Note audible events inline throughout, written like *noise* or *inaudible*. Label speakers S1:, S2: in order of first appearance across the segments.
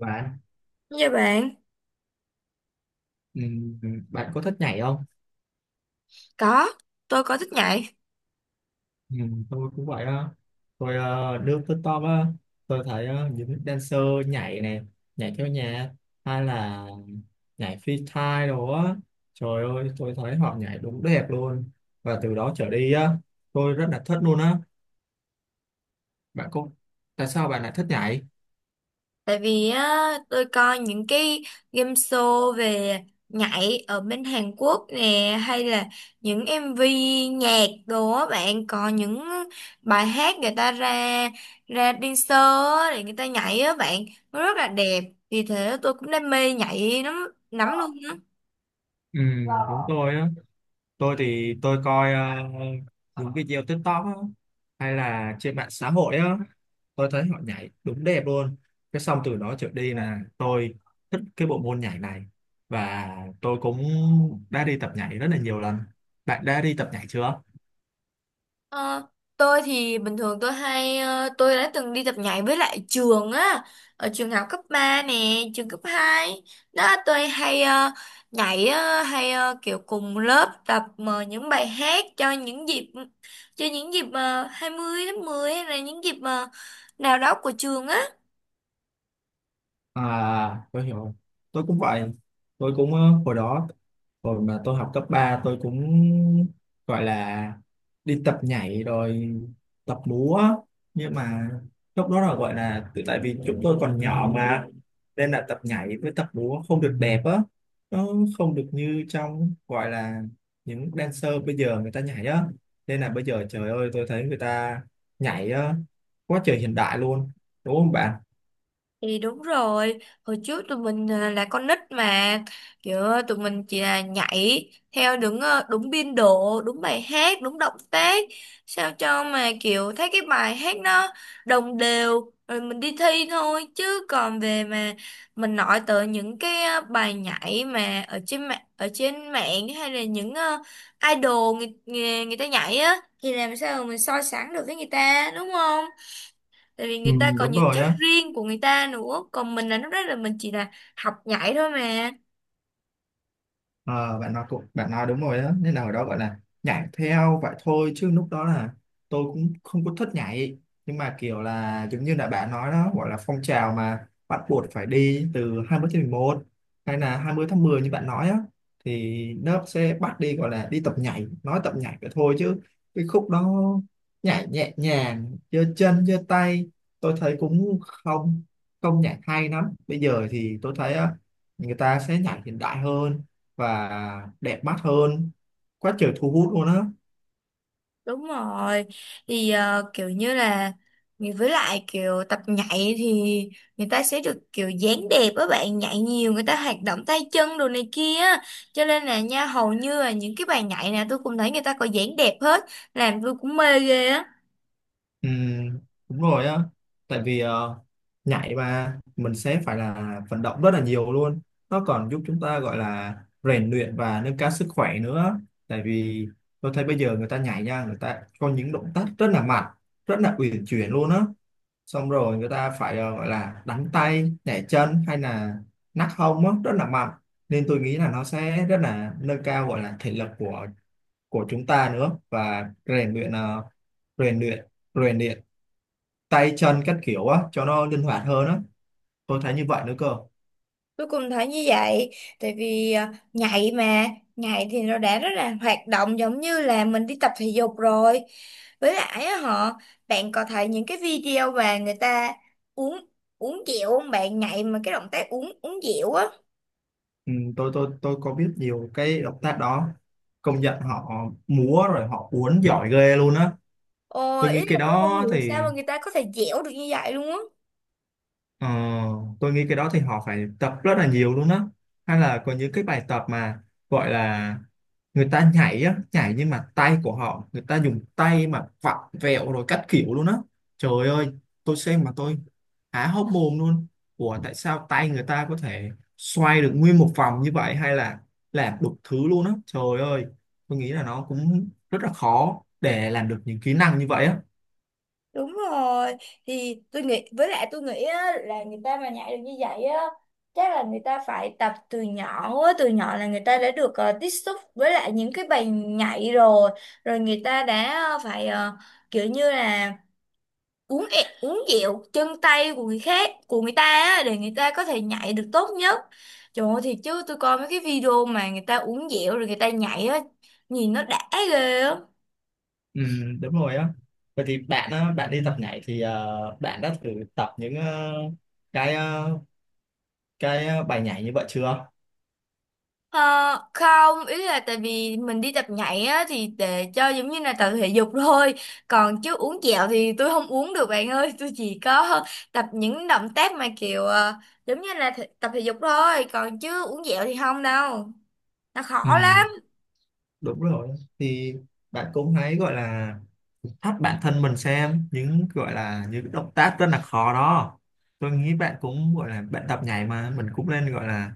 S1: Bạn.
S2: Dạ bạn,
S1: Ừ. Ừ, bạn có thích nhảy không?
S2: có, tôi có thích nhảy.
S1: Ừ, tôi cũng vậy đó. Tôi lướt TikTok á. Tôi thấy những dancer nhảy này, nhảy theo nhạc, hay là nhảy freestyle đồ á. Trời ơi, tôi thấy họ nhảy đúng đẹp luôn. Và từ đó trở đi á, tôi rất là thích luôn á. Bạn có Tại sao bạn lại thích nhảy?
S2: Tại vì tôi coi những cái game show về nhảy ở bên Hàn Quốc nè, hay là những MV nhạc đồ á bạn, có những bài hát người ta ra ra dancer á, để người ta nhảy á bạn, nó rất là đẹp. Vì thế tôi cũng đam mê nhảy lắm, lắm luôn.
S1: Ừ, đúng tôi á. Tôi thì tôi coi những video TikTok á, hay là trên mạng xã hội á. Tôi thấy họ nhảy đúng đẹp luôn. Cái xong từ đó trở đi là tôi thích cái bộ môn nhảy này. Và tôi cũng đã đi tập nhảy rất là nhiều lần. Bạn đã đi tập nhảy chưa?
S2: Ờ, tôi thì bình thường tôi hay tôi đã từng đi tập nhảy với lại trường á, ở trường học cấp 3 nè, trường cấp 2 đó. Tôi hay nhảy, kiểu cùng lớp tập những bài hát cho những dịp 20 tháng 10, hay là những dịp nào đó của trường á.
S1: À, tôi hiểu. Tôi cũng vậy. Tôi cũng hồi đó, hồi mà tôi học cấp ba, tôi cũng gọi là đi tập nhảy rồi, tập múa. Nhưng mà lúc đó là gọi là tại vì chúng tôi còn nhỏ mà, nên là tập nhảy với tập múa không được đẹp á. Nó không được như trong gọi là những dancer bây giờ người ta nhảy á. Nên là bây giờ trời ơi, tôi thấy người ta nhảy á, quá trời hiện đại luôn. Đúng không bạn?
S2: Thì đúng rồi, hồi trước tụi mình là con nít mà, kiểu tụi mình chỉ là nhảy theo đúng đúng biên độ, đúng bài hát, đúng động tác, sao cho mà kiểu thấy cái bài hát nó đồng đều rồi mình đi thi thôi. Chứ còn về mà mình nói tới những cái bài nhảy mà ở trên mạng, hay là những idol người ta nhảy á, thì làm sao mà mình so sánh được với người ta, đúng không? Tại vì
S1: Ừ,
S2: người ta có
S1: đúng
S2: những
S1: rồi
S2: chất
S1: á.
S2: riêng của người ta nữa, còn mình là lúc đó là mình chỉ là học nhảy thôi mà.
S1: Ờ, bạn nói cũng bạn nói đúng rồi đó, nên là ở đó gọi là nhảy theo vậy thôi, chứ lúc đó là tôi cũng không có thích nhảy. Nhưng mà kiểu là giống như là bạn nói đó, gọi là phong trào mà bắt buộc phải đi, từ 20/11 hay là 20/10 như bạn nói á, thì lớp sẽ bắt đi, gọi là đi tập nhảy. Nói tập nhảy vậy thôi chứ cái khúc đó nhảy nhẹ nhàng, giơ chân giơ tay, tôi thấy cũng không không nhảy hay lắm. Bây giờ thì tôi thấy á, người ta sẽ nhảy hiện đại hơn và đẹp mắt hơn, quá trời thu hút luôn á.
S2: Đúng rồi. Thì kiểu như là, với lại kiểu tập nhảy thì người ta sẽ được kiểu dáng đẹp á bạn, nhảy nhiều người ta hoạt động tay chân đồ này kia á. Cho nên là nha, hầu như là những cái bài nhảy nào tôi cũng thấy người ta có dáng đẹp hết, làm tôi cũng mê ghê á.
S1: Ừ, đúng rồi á. Tại vì nhảy mà mình sẽ phải là vận động rất là nhiều luôn. Nó còn giúp chúng ta gọi là rèn luyện và nâng cao sức khỏe nữa. Tại vì tôi thấy bây giờ người ta nhảy nha, người ta có những động tác rất là mạnh, rất là uyển chuyển luôn á. Xong rồi người ta phải gọi là đánh tay nhảy chân, hay là nắc hông á, rất là mạnh. Nên tôi nghĩ là nó sẽ rất là nâng cao, gọi là thể lực của chúng ta nữa, và rèn luyện ờ, rèn luyện rèn luyện tay chân các kiểu á cho nó linh hoạt hơn á. Tôi thấy như vậy nữa cơ.
S2: Tôi cũng thấy như vậy, tại vì nhảy mà, nhảy thì nó đã rất là hoạt động, giống như là mình đi tập thể dục rồi. Với lại á họ, bạn có thấy những cái video mà người ta uống uống dẻo không bạn, nhảy mà cái động tác uống uống dẻo á.
S1: Ừ, tôi có biết nhiều cái động tác đó. Công nhận họ múa rồi họ uốn giỏi ghê luôn á.
S2: Ồ,
S1: tôi
S2: ý
S1: nghĩ cái
S2: là tôi không
S1: đó
S2: hiểu sao
S1: thì
S2: mà người ta có thể dẻo được như vậy luôn á.
S1: Ờ, tôi nghĩ cái đó thì họ phải tập rất là nhiều luôn đó. Hay là có những cái bài tập mà gọi là người ta nhảy á, nhảy nhưng mà tay của họ, người ta dùng tay mà vặn vẹo rồi các kiểu luôn á. Trời ơi, tôi xem mà tôi há hốc mồm luôn. Ủa tại sao tay người ta có thể xoay được nguyên một vòng như vậy, hay là làm đủ thứ luôn á, trời ơi. Tôi nghĩ là nó cũng rất là khó để làm được những kỹ năng như vậy á.
S2: Đúng rồi. Thì tôi nghĩ với lại tôi nghĩ là người ta mà nhảy được như vậy á, chắc là người ta phải tập từ nhỏ, từ nhỏ là người ta đã được tiếp xúc với lại những cái bài nhảy rồi. Rồi người ta đã kiểu như là uống dẹo chân tay của người khác, của người ta á, để người ta có thể nhảy được tốt nhất. Trời ơi, thì chứ tôi coi mấy cái video mà người ta uống dẹo rồi người ta nhảy á, nhìn nó đã ghê á.
S1: Ừ, đúng rồi á. Vậy thì bạn á, bạn đi tập nhảy thì bạn đã thử tập những ờ, cái ờ, cái ờ, bài nhảy như vậy chưa?
S2: Ờ, Không, ý là tại vì mình đi tập nhảy á thì để cho giống như là tập thể dục thôi, còn chứ uống kẹo thì tôi không uống được bạn ơi *laughs* tôi chỉ có tập những động tác mà kiểu giống như là tập thể dục thôi, còn chứ uống kẹo thì không đâu, nó
S1: Ừ,
S2: khó lắm.
S1: đúng rồi. Thì bạn cũng hãy gọi là thách bản thân mình, xem những gọi là những động tác rất là khó đó. Tôi nghĩ bạn cũng gọi là bạn tập nhảy mà mình cũng nên gọi là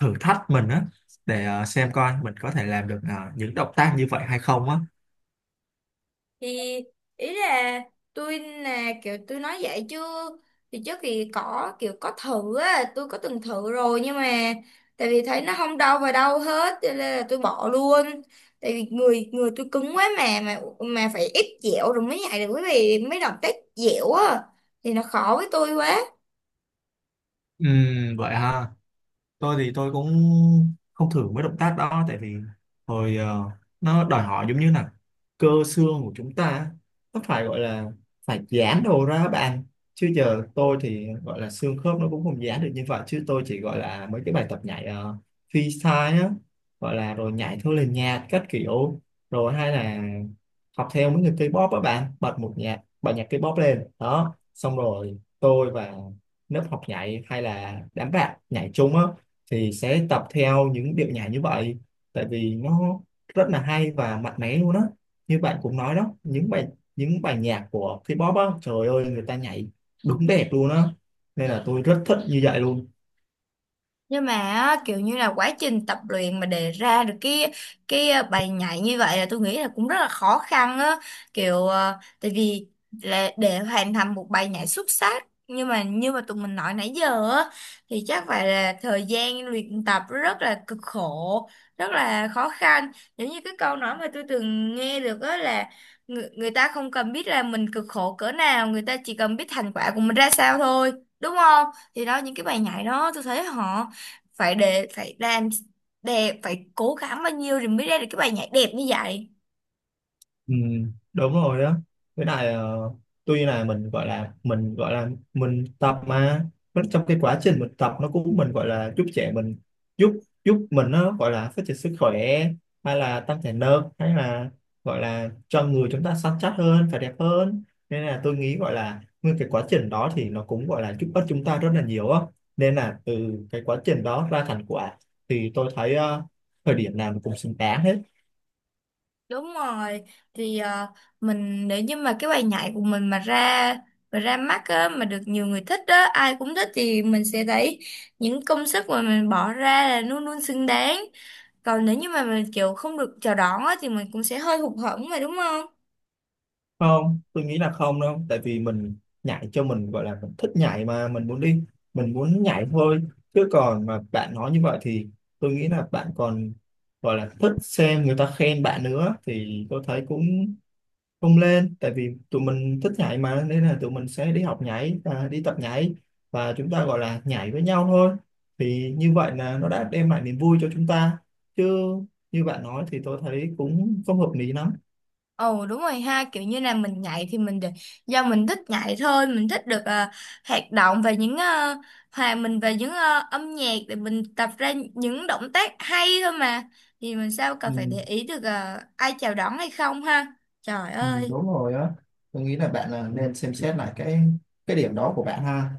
S1: thử thách mình á, để xem coi mình có thể làm được những động tác như vậy hay không á.
S2: Thì ý là tôi là kiểu tôi nói vậy chứ, thì trước thì có kiểu có thử á, tôi có từng thử rồi, nhưng mà tại vì thấy nó không đau vào đâu hết cho nên là tôi bỏ luôn. Tại vì người người tôi cứng quá mà phải ép dẻo rồi mới nhảy được, quý vị mấy động tác dẻo á thì nó khó với tôi quá.
S1: Ừ, vậy ha. Tôi thì tôi cũng không thử mấy động tác đó, tại vì hồi ờ, nó đòi hỏi giống như là cơ xương của chúng ta á, nó phải gọi là phải giãn đồ ra á bạn. Chứ giờ tôi thì gọi là xương khớp nó cũng không giãn được như vậy, chứ tôi chỉ gọi là mấy cái bài tập nhảy freestyle á, gọi là rồi nhảy theo lời nhạc các kiểu, rồi hay là học theo mấy người K-pop á bạn. Bật nhạc K-pop lên đó, xong rồi tôi và lớp học nhảy, hay là đám bạn nhảy chung á, thì sẽ tập theo những điệu nhảy như vậy. Tại vì nó rất là hay và mạnh mẽ luôn á. Như bạn cũng nói đó, những bài nhạc của K-pop á, trời ơi người ta nhảy đúng đẹp luôn á. Nên là tôi rất thích như vậy luôn.
S2: Nhưng mà á, kiểu như là quá trình tập luyện mà để ra được cái bài nhảy như vậy là tôi nghĩ là cũng rất là khó khăn á. Kiểu tại vì là để hoàn thành một bài nhảy xuất sắc, nhưng mà như mà tụi mình nói nãy giờ á, thì chắc phải là thời gian luyện tập rất là cực khổ, rất là khó khăn. Giống như cái câu nói mà tôi từng nghe được á là người ta không cần biết là mình cực khổ cỡ nào, người ta chỉ cần biết thành quả của mình ra sao thôi, đúng không? Thì đó, những cái bài nhảy đó tôi thấy họ phải để phải làm đẹp, phải cố gắng bao nhiêu thì mới ra được cái bài nhảy đẹp như vậy.
S1: Ừ, đúng rồi đó. Với lại tuy là mình gọi là mình tập, mà vẫn trong cái quá trình mình tập, nó cũng mình gọi là giúp giúp mình, nó gọi là phát triển sức khỏe, hay là tăng thể lực, hay là gọi là cho người chúng ta săn chắc hơn và đẹp hơn. Nên là tôi nghĩ gọi là nguyên cái quá trình đó thì nó cũng gọi là giúp ích chúng ta rất là nhiều á. Nên là từ cái quá trình đó ra thành quả, thì tôi thấy thời điểm nào nó cũng xứng đáng hết.
S2: Đúng rồi. Thì mình nếu như mà cái bài nhảy của mình mà ra mắt á, mà được nhiều người thích á, ai cũng thích, thì mình sẽ thấy những công sức mà mình bỏ ra là luôn luôn xứng đáng. Còn nếu như mà mình kiểu không được chào đón á, thì mình cũng sẽ hơi hụt hẫng mà, đúng không?
S1: Không, tôi nghĩ là không đâu, tại vì mình nhảy cho mình, gọi là mình thích nhảy mà, mình muốn đi mình muốn nhảy thôi. Chứ còn mà bạn nói như vậy thì tôi nghĩ là bạn còn gọi là thích xem người ta khen bạn nữa, thì tôi thấy cũng không lên. Tại vì tụi mình thích nhảy mà, nên là tụi mình sẽ đi học nhảy và đi tập nhảy, và chúng ta gọi là nhảy với nhau thôi. Thì như vậy là nó đã đem lại niềm vui cho chúng ta, chứ như bạn nói thì tôi thấy cũng không hợp lý lắm.
S2: Ồ đúng rồi ha, kiểu như là mình nhảy thì mình được do mình thích nhảy thôi, mình thích được hoạt động và những hòa mình về những âm nhạc để mình tập ra những động tác hay thôi mà. Thì mình sao cần
S1: Ừ.
S2: phải để ý được ai chào đón hay không ha. Trời
S1: Ừ,
S2: ơi.
S1: đúng rồi á. Tôi nghĩ là bạn là nên xem xét lại cái điểm đó của bạn ha.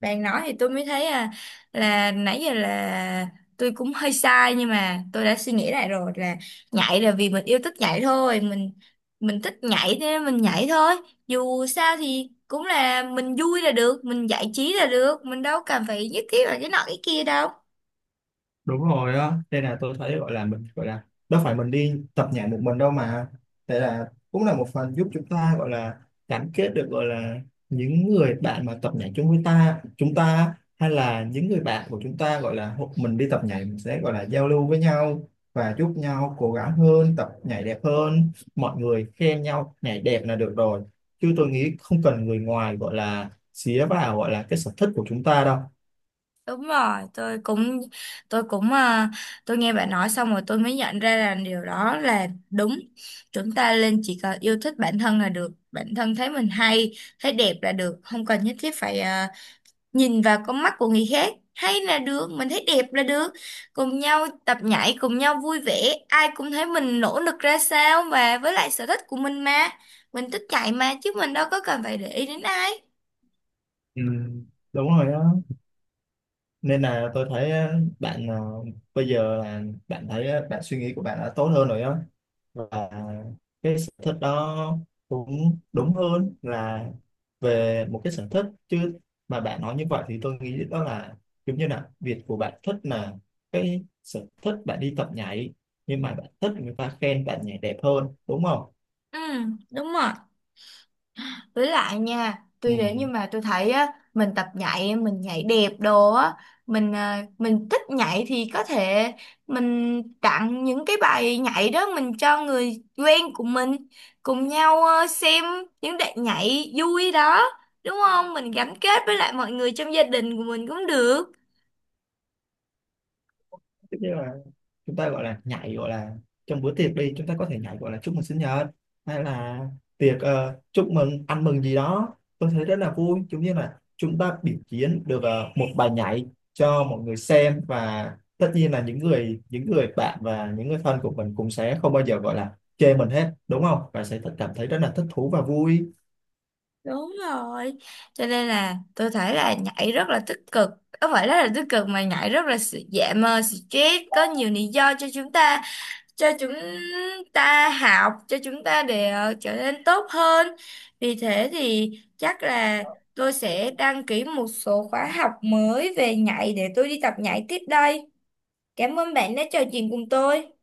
S2: Bạn nói thì tôi mới thấy là nãy giờ là tôi cũng hơi sai, nhưng mà tôi đã suy nghĩ lại rồi là nhảy là vì mình yêu thích nhảy thôi, mình thích nhảy thế nên mình nhảy thôi. Dù sao thì cũng là mình vui là được, mình giải trí là được, mình đâu cần phải nhất thiết là cái nọ cái kia đâu.
S1: Đúng rồi á, đây là tôi thấy gọi là mình gọi là đâu phải mình đi tập nhảy một mình đâu mà. Đây là cũng là một phần giúp chúng ta gọi là gắn kết được, gọi là những người bạn mà tập nhảy chung với ta chúng ta, hay là những người bạn của chúng ta gọi là mình đi tập nhảy mình sẽ gọi là giao lưu với nhau, và giúp nhau cố gắng hơn, tập nhảy đẹp hơn. Mọi người khen nhau nhảy đẹp là được rồi, chứ tôi nghĩ không cần người ngoài gọi là xía vào gọi là cái sở thích của chúng ta đâu.
S2: Đúng rồi, tôi cũng à, tôi nghe bạn nói xong rồi tôi mới nhận ra là điều đó là đúng. Chúng ta nên chỉ cần yêu thích bản thân là được, bản thân thấy mình hay, thấy đẹp là được, không cần nhất thiết phải nhìn vào con mắt của người khác. Hay là được, mình thấy đẹp là được. Cùng nhau tập nhảy, cùng nhau vui vẻ, ai cũng thấy mình nỗ lực ra sao, và với lại sở thích của mình mà. Mình thích chạy mà, chứ mình đâu có cần phải để ý đến ai.
S1: Ừ. Đúng rồi á, nên là tôi thấy á, bạn bây giờ là bạn thấy á, bạn suy nghĩ của bạn đã tốt hơn rồi á. Và cái sở thích đó cũng đúng hơn là về một cái sở thích. Chứ mà bạn nói như vậy thì tôi nghĩ đó là giống như là việc của bạn thích là cái sở thích bạn đi tập nhảy, nhưng mà bạn thích người ta khen bạn nhảy đẹp hơn, đúng không?
S2: Ừ, đúng rồi. Với lại nha, tuy đến nhưng mà tôi thấy á, mình tập nhảy, mình nhảy đẹp đồ á, mình mình thích nhảy thì có thể mình tặng những cái bài nhảy đó mình cho người quen của mình, cùng nhau xem những đoạn nhảy vui đó, đúng không? Mình gắn kết với lại mọi người trong gia đình của mình cũng được.
S1: Ừ. Chúng ta gọi là nhảy, gọi là trong bữa tiệc đi, chúng ta có thể nhảy gọi là chúc mừng sinh nhật, hay là tiệc chúc mừng ăn mừng gì đó, tôi thấy rất là vui, giống như là chúng ta biểu diễn được một bài nhảy cho mọi người xem. Và tất nhiên là những người bạn và những người thân của mình cũng sẽ không bao giờ gọi là chê mình hết, đúng không, và sẽ cảm thấy rất là thích thú và vui.
S2: Đúng rồi. Cho nên là tôi thấy là nhảy rất là tích cực. Không phải rất là tích cực mà nhảy rất là giảm stress, có nhiều lý do cho chúng ta học, cho chúng ta để trở nên tốt hơn. Vì thế thì chắc là tôi sẽ đăng ký một số khóa học mới về nhảy để tôi đi tập nhảy tiếp đây. Cảm ơn bạn đã trò chuyện cùng tôi.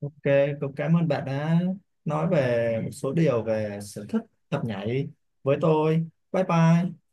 S1: OK, cũng cảm ơn bạn đã nói về một số điều về sở thích tập nhảy với tôi. Bye bye.